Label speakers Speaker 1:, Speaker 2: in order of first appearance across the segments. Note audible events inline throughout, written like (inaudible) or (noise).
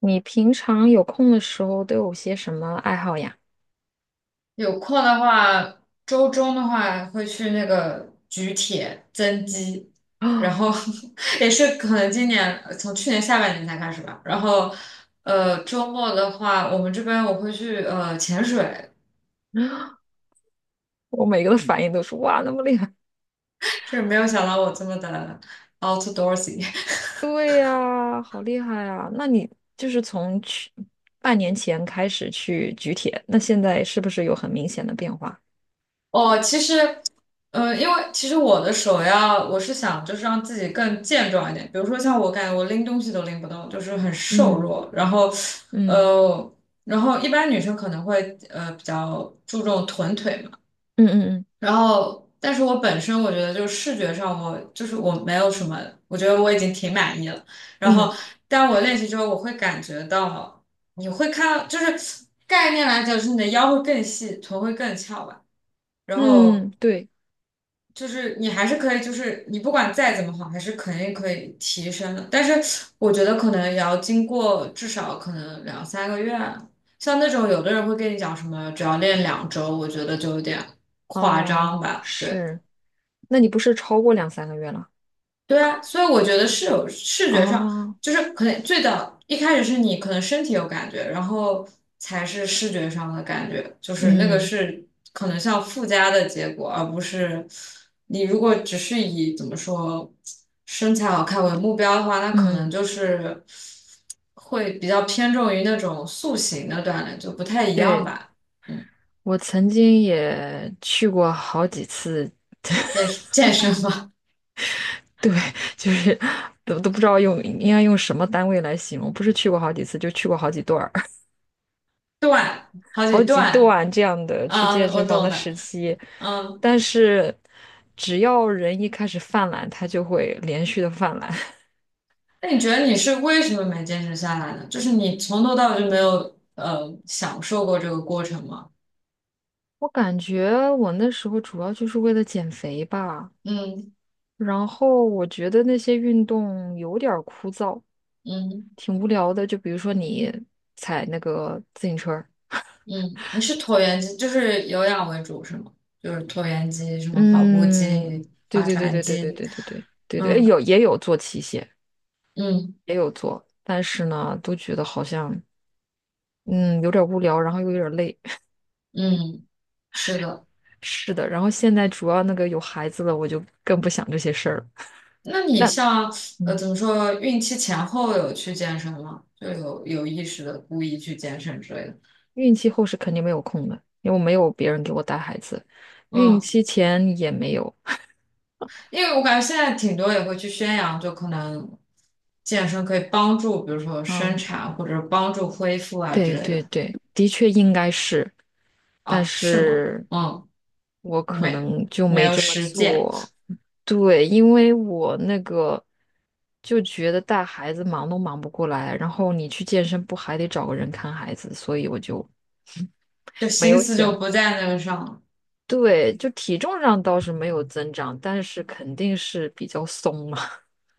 Speaker 1: 你平常有空的时候都有些什么爱好呀？
Speaker 2: 有空的话，周中的话会去那个举铁增肌，
Speaker 1: (gasps)
Speaker 2: 然后
Speaker 1: 啊，
Speaker 2: (laughs) 也是可能今年从去年下半年才开始吧。然后，周末的话，我们这边我会去潜水，
Speaker 1: 我每个的反应都是哇，那么厉害！
Speaker 2: 就是没有想到我这么的 outdoorsy。
Speaker 1: 对呀，好厉害啊！那你就是从去半年前开始去举铁，那现在是不是有很明显的变化？
Speaker 2: 哦，其实，因为其实我的首要，我是想就是让自己更健壮一点。比如说像我感觉我拎东西都拎不动，就是很瘦
Speaker 1: 嗯
Speaker 2: 弱。然后，
Speaker 1: 嗯
Speaker 2: 呃，然后一般女生可能会比较注重臀腿嘛。
Speaker 1: 嗯嗯
Speaker 2: 然后，但是我本身我觉得就是视觉上我就是我没有什么，我觉得我已经挺满意了。然
Speaker 1: 嗯
Speaker 2: 后，但我练习之后，我会感觉到你会看到，就是概念来讲，就是你的腰会更细，臀会更翘吧。然
Speaker 1: 嗯
Speaker 2: 后。
Speaker 1: 嗯，对，
Speaker 2: 就是你还是可以，就是你不管再怎么好，还是肯定可以提升的。但是我觉得可能也要经过至少可能两三个月啊，像那种有的人会跟你讲什么，只要练2周，我觉得就有点夸
Speaker 1: 哦，
Speaker 2: 张吧，对。
Speaker 1: 是。那你不是超过两三个月了？
Speaker 2: 对啊，所以我觉得是有视觉上，
Speaker 1: 哦，
Speaker 2: 就是可能最早一开始是你可能身体有感觉，然后才是视觉上的感觉，就是那个
Speaker 1: 嗯
Speaker 2: 是可能像附加的结果，而不是你如果只是以怎么说身材好看为目标的话，那可能
Speaker 1: 嗯，
Speaker 2: 就是会比较偏重于那种塑形的锻炼，就不太一样
Speaker 1: 对，
Speaker 2: 吧。嗯，
Speaker 1: 我曾经也去过好几次
Speaker 2: 健身嘛，
Speaker 1: (laughs) 对，就是都不知道用应该用什么单位来形容，不是去过好几次，就去过好几段儿，(laughs)
Speaker 2: (laughs) 锻，好几
Speaker 1: 好几
Speaker 2: 段。
Speaker 1: 段这样的去
Speaker 2: 啊，
Speaker 1: 健身
Speaker 2: 我
Speaker 1: 房
Speaker 2: 懂
Speaker 1: 的
Speaker 2: 的，
Speaker 1: 时期。
Speaker 2: 嗯。
Speaker 1: 但是只要人一开始犯懒，他就会连续的犯懒。(laughs)
Speaker 2: 那你觉得你是为什么没坚持下来呢？就是你从头到尾就没有享受过这个过程吗？
Speaker 1: 我感觉我那时候主要就是为了减肥吧，
Speaker 2: 嗯
Speaker 1: 然后我觉得那些运动有点儿枯燥，
Speaker 2: 嗯
Speaker 1: 挺无聊的。就比如说你踩那个自行车儿，
Speaker 2: 嗯，你是椭圆机，就是有氧为主是吗？就是椭圆机、什么跑步
Speaker 1: 嗯，
Speaker 2: 机、
Speaker 1: 对
Speaker 2: 划
Speaker 1: 对对
Speaker 2: 船
Speaker 1: 对对对
Speaker 2: 机，
Speaker 1: 对对对对对，哎
Speaker 2: 嗯
Speaker 1: 有也有做器械，
Speaker 2: 嗯
Speaker 1: 也有做，但是呢，都觉得好像嗯有点无聊，然后又有点累。(laughs)
Speaker 2: 嗯，是的。
Speaker 1: 是的，然后现在主要那个有孩子了，我就更不想这些事儿了。
Speaker 2: 那
Speaker 1: (laughs)
Speaker 2: 你
Speaker 1: 但
Speaker 2: 像
Speaker 1: 嗯，
Speaker 2: 怎么说，孕期前后有去健身吗？就有意识的故意去健身之类的，
Speaker 1: 孕期后是肯定没有空的，因为我没有别人给我带孩子，孕
Speaker 2: 嗯。
Speaker 1: 期前也没有。
Speaker 2: 因为我感觉现在挺多也会去宣扬，就可能健身可以帮助，比如说生
Speaker 1: 嗯，
Speaker 2: 产或者帮助恢复啊之
Speaker 1: 对
Speaker 2: 类的。
Speaker 1: 对对，的确应该是，但
Speaker 2: 啊，是吗？
Speaker 1: 是
Speaker 2: 嗯，
Speaker 1: 我
Speaker 2: 你
Speaker 1: 可
Speaker 2: 没
Speaker 1: 能就
Speaker 2: 没
Speaker 1: 没
Speaker 2: 有
Speaker 1: 这么
Speaker 2: 实践，
Speaker 1: 做。对，因为我那个就觉得带孩子忙都忙不过来，然后你去健身不还得找个人看孩子，所以我就
Speaker 2: 就
Speaker 1: (laughs) 没
Speaker 2: 心
Speaker 1: 有
Speaker 2: 思就
Speaker 1: 想。
Speaker 2: 不在那个上了。
Speaker 1: 对，就体重上倒是没有增长，但是肯定是比较松嘛，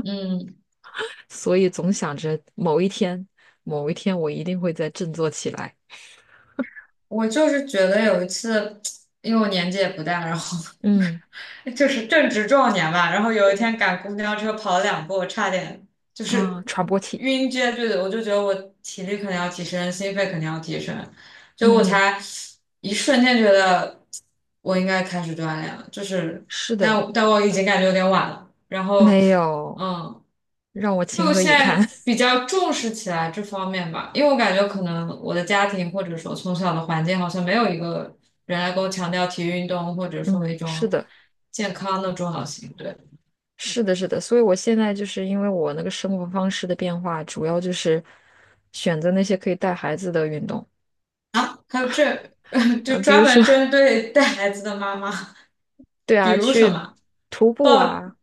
Speaker 2: 嗯，
Speaker 1: (laughs) 所以总想着某一天，某一天我一定会再振作起来。
Speaker 2: 我就是觉得有一次，因为我年纪也不大，然后
Speaker 1: 嗯
Speaker 2: 就是正值壮年吧，然后有一
Speaker 1: 嗯
Speaker 2: 天赶公交车跑了两步，我差点就
Speaker 1: 啊，
Speaker 2: 是
Speaker 1: 喘不过气。
Speaker 2: 晕厥，对的，我就觉得我体力肯定要提升，心肺肯定要提升，就我
Speaker 1: 嗯嗯，
Speaker 2: 才一瞬间觉得我应该开始锻炼了，就是
Speaker 1: 是的，
Speaker 2: 但我已经感觉有点晚了，然后
Speaker 1: 没有，
Speaker 2: 嗯。
Speaker 1: 让我情
Speaker 2: 就
Speaker 1: 何
Speaker 2: 现
Speaker 1: 以堪。
Speaker 2: 在
Speaker 1: (laughs)
Speaker 2: 比较重视起来这方面吧，因为我感觉可能我的家庭或者说从小的环境好像没有一个人来跟我强调体育运动或者说
Speaker 1: 嗯，
Speaker 2: 一
Speaker 1: 是
Speaker 2: 种
Speaker 1: 的。
Speaker 2: 健康的重要性。对
Speaker 1: 是的，是的，所以我现在就是因为我那个生活方式的变化，主要就是选择那些可以带孩子的运动，
Speaker 2: 啊，还有这 (laughs) 就
Speaker 1: 呃，比如
Speaker 2: 专
Speaker 1: 说，
Speaker 2: 门针
Speaker 1: (laughs)
Speaker 2: 对带孩子的妈妈，
Speaker 1: 对
Speaker 2: 比
Speaker 1: 啊，
Speaker 2: 如什
Speaker 1: 去
Speaker 2: 么
Speaker 1: 徒步
Speaker 2: 抱
Speaker 1: 啊，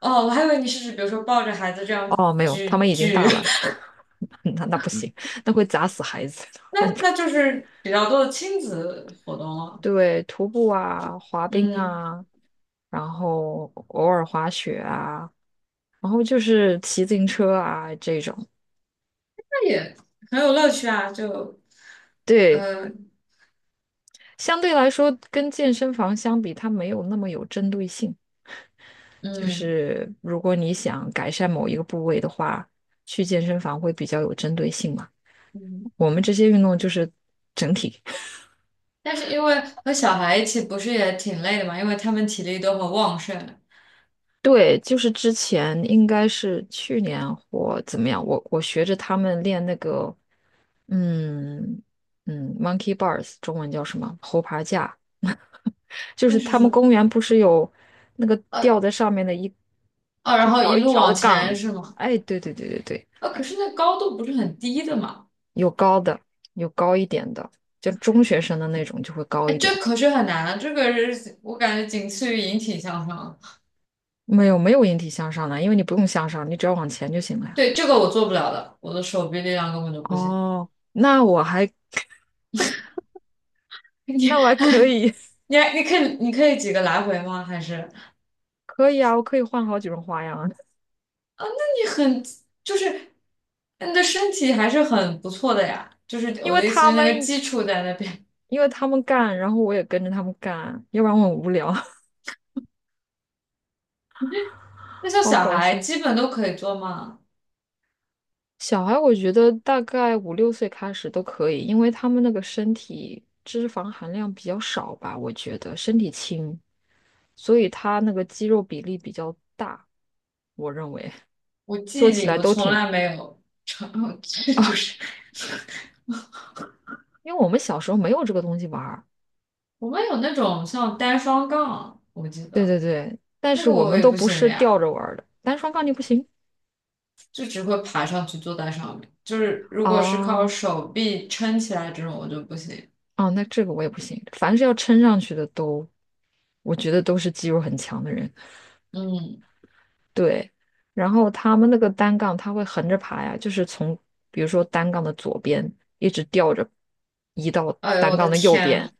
Speaker 2: 哦，我还以为你是指比如说抱着孩子这样
Speaker 1: 哦，没有，他
Speaker 2: 举
Speaker 1: 们已经
Speaker 2: 举，
Speaker 1: 大了，(laughs) 那不行，那会砸死孩子
Speaker 2: (laughs) 那
Speaker 1: 的。
Speaker 2: 那
Speaker 1: (laughs)
Speaker 2: 就是比较多的亲子活动了。
Speaker 1: 对，徒步啊，滑冰
Speaker 2: 嗯，
Speaker 1: 啊，然后偶尔滑雪啊，然后就是骑自行车啊这种。
Speaker 2: 那也很有乐趣啊，就
Speaker 1: 对，
Speaker 2: 呃
Speaker 1: 相对来说，跟健身房相比，它没有那么有针对性。就
Speaker 2: 嗯。
Speaker 1: 是如果你想改善某一个部位的话，去健身房会比较有针对性嘛。
Speaker 2: 嗯，
Speaker 1: 我们这些运动就是整体，
Speaker 2: 但是因为和小孩一起不是也挺累的嘛，因为他们体力都很旺盛。
Speaker 1: 对，就是之前应该是去年或怎么样，我学着他们练那个，嗯嗯，monkey bars，中文叫什么？猴爬架，(laughs) 就
Speaker 2: 那
Speaker 1: 是
Speaker 2: 是
Speaker 1: 他
Speaker 2: 什
Speaker 1: 们
Speaker 2: 么？
Speaker 1: 公园不是有那个
Speaker 2: 呃，
Speaker 1: 吊在上面的一
Speaker 2: 哦，然
Speaker 1: 一
Speaker 2: 后
Speaker 1: 条
Speaker 2: 一
Speaker 1: 一
Speaker 2: 路
Speaker 1: 条
Speaker 2: 往
Speaker 1: 的
Speaker 2: 前
Speaker 1: 杠？
Speaker 2: 是吗？
Speaker 1: 哎，对对对对对。
Speaker 2: 啊，可是那高度不是很低的嘛？
Speaker 1: 有高的，有高一点的，就中学生的那种就会高
Speaker 2: 哎，
Speaker 1: 一点。
Speaker 2: 这可是很难啊，这个是我感觉仅次于引体向上。
Speaker 1: 没有没有引体向上的，因为你不用向上，你只要往前就行了呀。
Speaker 2: 对，这个我做不了的，我的手臂力量根本就不行。
Speaker 1: 哦，那我还
Speaker 2: (laughs) 你
Speaker 1: 那我还可以，
Speaker 2: 你可以几个来回吗？还是啊？
Speaker 1: (laughs) 可以啊，我可以换好几种花样啊
Speaker 2: 那你很就是你的身体还是很不错的呀。就是
Speaker 1: (laughs) 因
Speaker 2: 我
Speaker 1: 为
Speaker 2: 的意思
Speaker 1: 他
Speaker 2: 是那个
Speaker 1: 们
Speaker 2: 基础在那边。
Speaker 1: 因为他们干，然后我也跟着他们干，要不然我很无聊，(laughs)
Speaker 2: 那像
Speaker 1: 好
Speaker 2: 小
Speaker 1: 搞
Speaker 2: 孩
Speaker 1: 笑。
Speaker 2: 基本都可以做吗？
Speaker 1: 小孩我觉得大概五六岁开始都可以，因为他们那个身体脂肪含量比较少吧，我觉得身体轻，所以他那个肌肉比例比较大，我认为
Speaker 2: 我记
Speaker 1: 做
Speaker 2: 忆
Speaker 1: 起
Speaker 2: 里
Speaker 1: 来
Speaker 2: 我
Speaker 1: 都
Speaker 2: 从
Speaker 1: 挺，
Speaker 2: 来没有成 (laughs) 就是
Speaker 1: 因为我们小时候没有这个东西玩儿，
Speaker 2: 我们有那种像单双杠，我记
Speaker 1: 对
Speaker 2: 得
Speaker 1: 对对，但
Speaker 2: 那
Speaker 1: 是
Speaker 2: 个
Speaker 1: 我
Speaker 2: 我
Speaker 1: 们
Speaker 2: 也
Speaker 1: 都
Speaker 2: 不
Speaker 1: 不
Speaker 2: 行的
Speaker 1: 是吊
Speaker 2: 呀，
Speaker 1: 着玩儿的，单双杠你不行
Speaker 2: 就只会爬上去坐在上面。就是如果是靠
Speaker 1: 啊
Speaker 2: 手臂撑起来这种，我就不行。
Speaker 1: 啊，那这个我也不行，凡是要撑上去的都，我觉得都是肌肉很强的人，
Speaker 2: 嗯，
Speaker 1: 对，然后他们那个单杠他会横着爬呀，就是从比如说单杠的左边一直吊着移到
Speaker 2: 哎呦
Speaker 1: 单
Speaker 2: 我
Speaker 1: 杠
Speaker 2: 的
Speaker 1: 的右
Speaker 2: 天
Speaker 1: 边，
Speaker 2: 啊。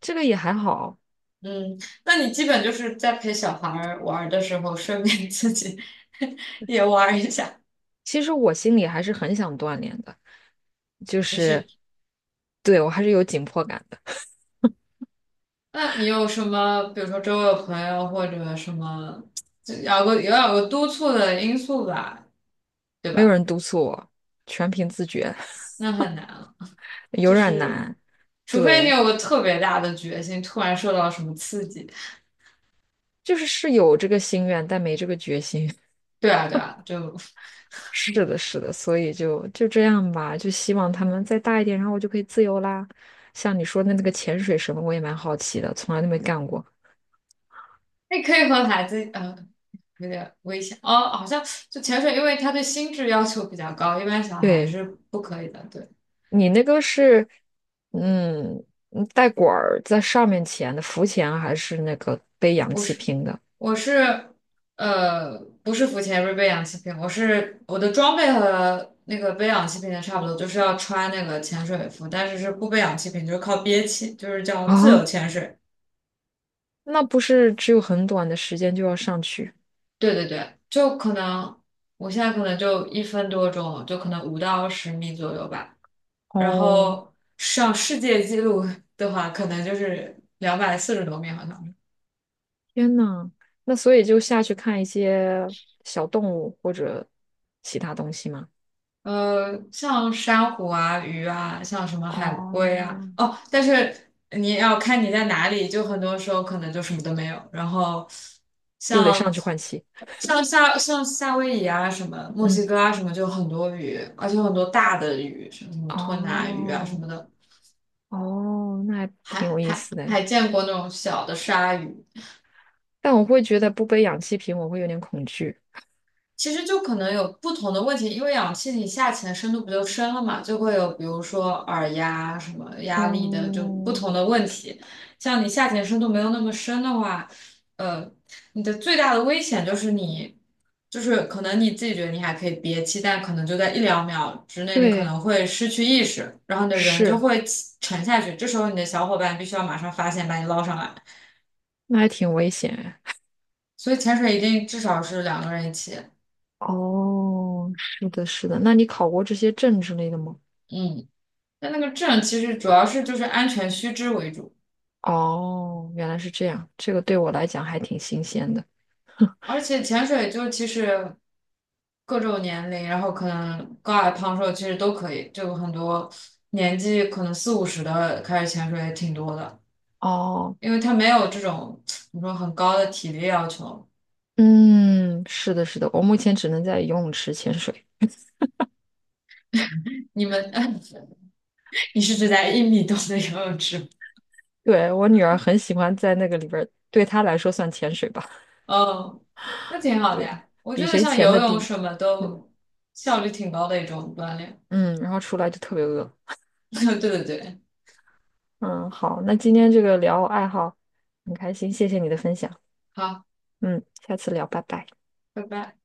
Speaker 1: 这个也还好。
Speaker 2: 嗯，那你基本就是在陪小孩儿玩儿的时候，顺便自己 (laughs) 也玩儿一下。
Speaker 1: 其实我心里还是很想锻炼的，就
Speaker 2: 你
Speaker 1: 是
Speaker 2: 是，
Speaker 1: 对我还是有紧迫感的，
Speaker 2: 那你有什么，比如说周围有朋友或者什么？就要有个督促的因素吧，对
Speaker 1: 没有
Speaker 2: 吧？
Speaker 1: 人督促我，全凭自觉，
Speaker 2: 那很难了，
Speaker 1: (laughs) 有
Speaker 2: 就
Speaker 1: 点
Speaker 2: 是
Speaker 1: 难。
Speaker 2: 除非你
Speaker 1: 对，
Speaker 2: 有个特别大的决心，突然受到什么刺激。
Speaker 1: 就是是有这个心愿，但没这个决心。(laughs)
Speaker 2: 对啊，对啊，就
Speaker 1: 是的，是的，所以就这样吧，就希望他们再大一点，然后我就可以自由啦。像你说的那个潜水什么，我也蛮好奇的，从来都没干过。
Speaker 2: 你可以和孩子，有点危险哦。好像就潜水，因为它对心智要求比较高，一般小孩
Speaker 1: 对，
Speaker 2: 是不可以的。对，
Speaker 1: 你那个是，嗯，带管儿在上面潜的浮潜啊，还是那个背氧
Speaker 2: 我
Speaker 1: 气
Speaker 2: 是
Speaker 1: 瓶的？
Speaker 2: 我是呃，不是浮潜，不是背氧气瓶，我是我的装备和那个背氧气瓶的差不多，就是要穿那个潜水服，但是是不背氧气瓶，就是靠憋气，就是叫自由
Speaker 1: 啊，
Speaker 2: 潜水。
Speaker 1: 那不是只有很短的时间就要上去？
Speaker 2: 对对对，就可能我现在可能就1分多钟，就可能5到10米左右吧。然
Speaker 1: 哦，
Speaker 2: 后上世界纪录 (laughs) 的话，可能就是240多米，好像。
Speaker 1: 天呐，那所以就下去看一些小动物或者其他东西吗？
Speaker 2: 像珊瑚啊、鱼啊，像什么海龟啊，
Speaker 1: 哦，
Speaker 2: 哦，但是你要看你在哪里，就很多时候可能就什么都没有。然后
Speaker 1: 又得上
Speaker 2: 像
Speaker 1: 去换气。
Speaker 2: 像夏威夷啊、什么墨
Speaker 1: 嗯，
Speaker 2: 西哥啊、什么，就很多鱼，而且很多大的鱼，什么吞拿鱼啊什
Speaker 1: 哦，
Speaker 2: 么的。
Speaker 1: 哦，那还
Speaker 2: 还
Speaker 1: 挺有意
Speaker 2: 还
Speaker 1: 思的哎。
Speaker 2: 还见过那种小的鲨鱼，
Speaker 1: 但我会觉得不背氧气瓶，我会有点恐惧。
Speaker 2: 其实就可能有不同的问题，因为氧气你下潜的深度不就深了嘛，就会有比如说耳压什么压力的就不
Speaker 1: 哦，
Speaker 2: 同的问题。像你下潜深度没有那么深的话，呃，你的最大的危险就是你，就是可能你自己觉得你还可以憋气，但可能就在一两秒之内，你可
Speaker 1: 对，
Speaker 2: 能会失去意识，然后你的人就
Speaker 1: 是，
Speaker 2: 会沉下去，这时候你的小伙伴必须要马上发现把你捞上来。
Speaker 1: 那还挺危险哎
Speaker 2: 所以潜水一定至少是两个人一起。
Speaker 1: 哦，是的，是的。那你考过这些证之类的吗？
Speaker 2: 嗯，但那个证其实主要是就是安全须知为主，
Speaker 1: 哦，原来是这样，这个对我来讲还挺新鲜的。
Speaker 2: 而且潜水就其实各种年龄，然后可能高矮胖瘦其实都可以，就很多年纪可能四五十的开始潜水也挺多的，
Speaker 1: 哦，
Speaker 2: 因为他没有这种怎么说很高的体力要求。
Speaker 1: 嗯，是的，是的，我目前只能在游泳池潜水。
Speaker 2: 你们，(laughs) 你是指在1米多的游泳池吗？
Speaker 1: 对，我女儿很喜欢在那个里边儿，对她来说算潜水吧，
Speaker 2: 哦，那挺好的
Speaker 1: 对，
Speaker 2: 呀。我觉
Speaker 1: 比
Speaker 2: 得
Speaker 1: 谁
Speaker 2: 像
Speaker 1: 潜
Speaker 2: 游
Speaker 1: 的
Speaker 2: 泳
Speaker 1: 低。
Speaker 2: 什么
Speaker 1: 嗯
Speaker 2: 都效率挺高的一种锻炼。
Speaker 1: 嗯，然后出来就特别饿。
Speaker 2: (laughs) 对对对，
Speaker 1: 嗯，好，那今天这个聊爱好很开心，谢谢你的分享。
Speaker 2: 好，
Speaker 1: 嗯，下次聊，拜拜。
Speaker 2: 拜拜。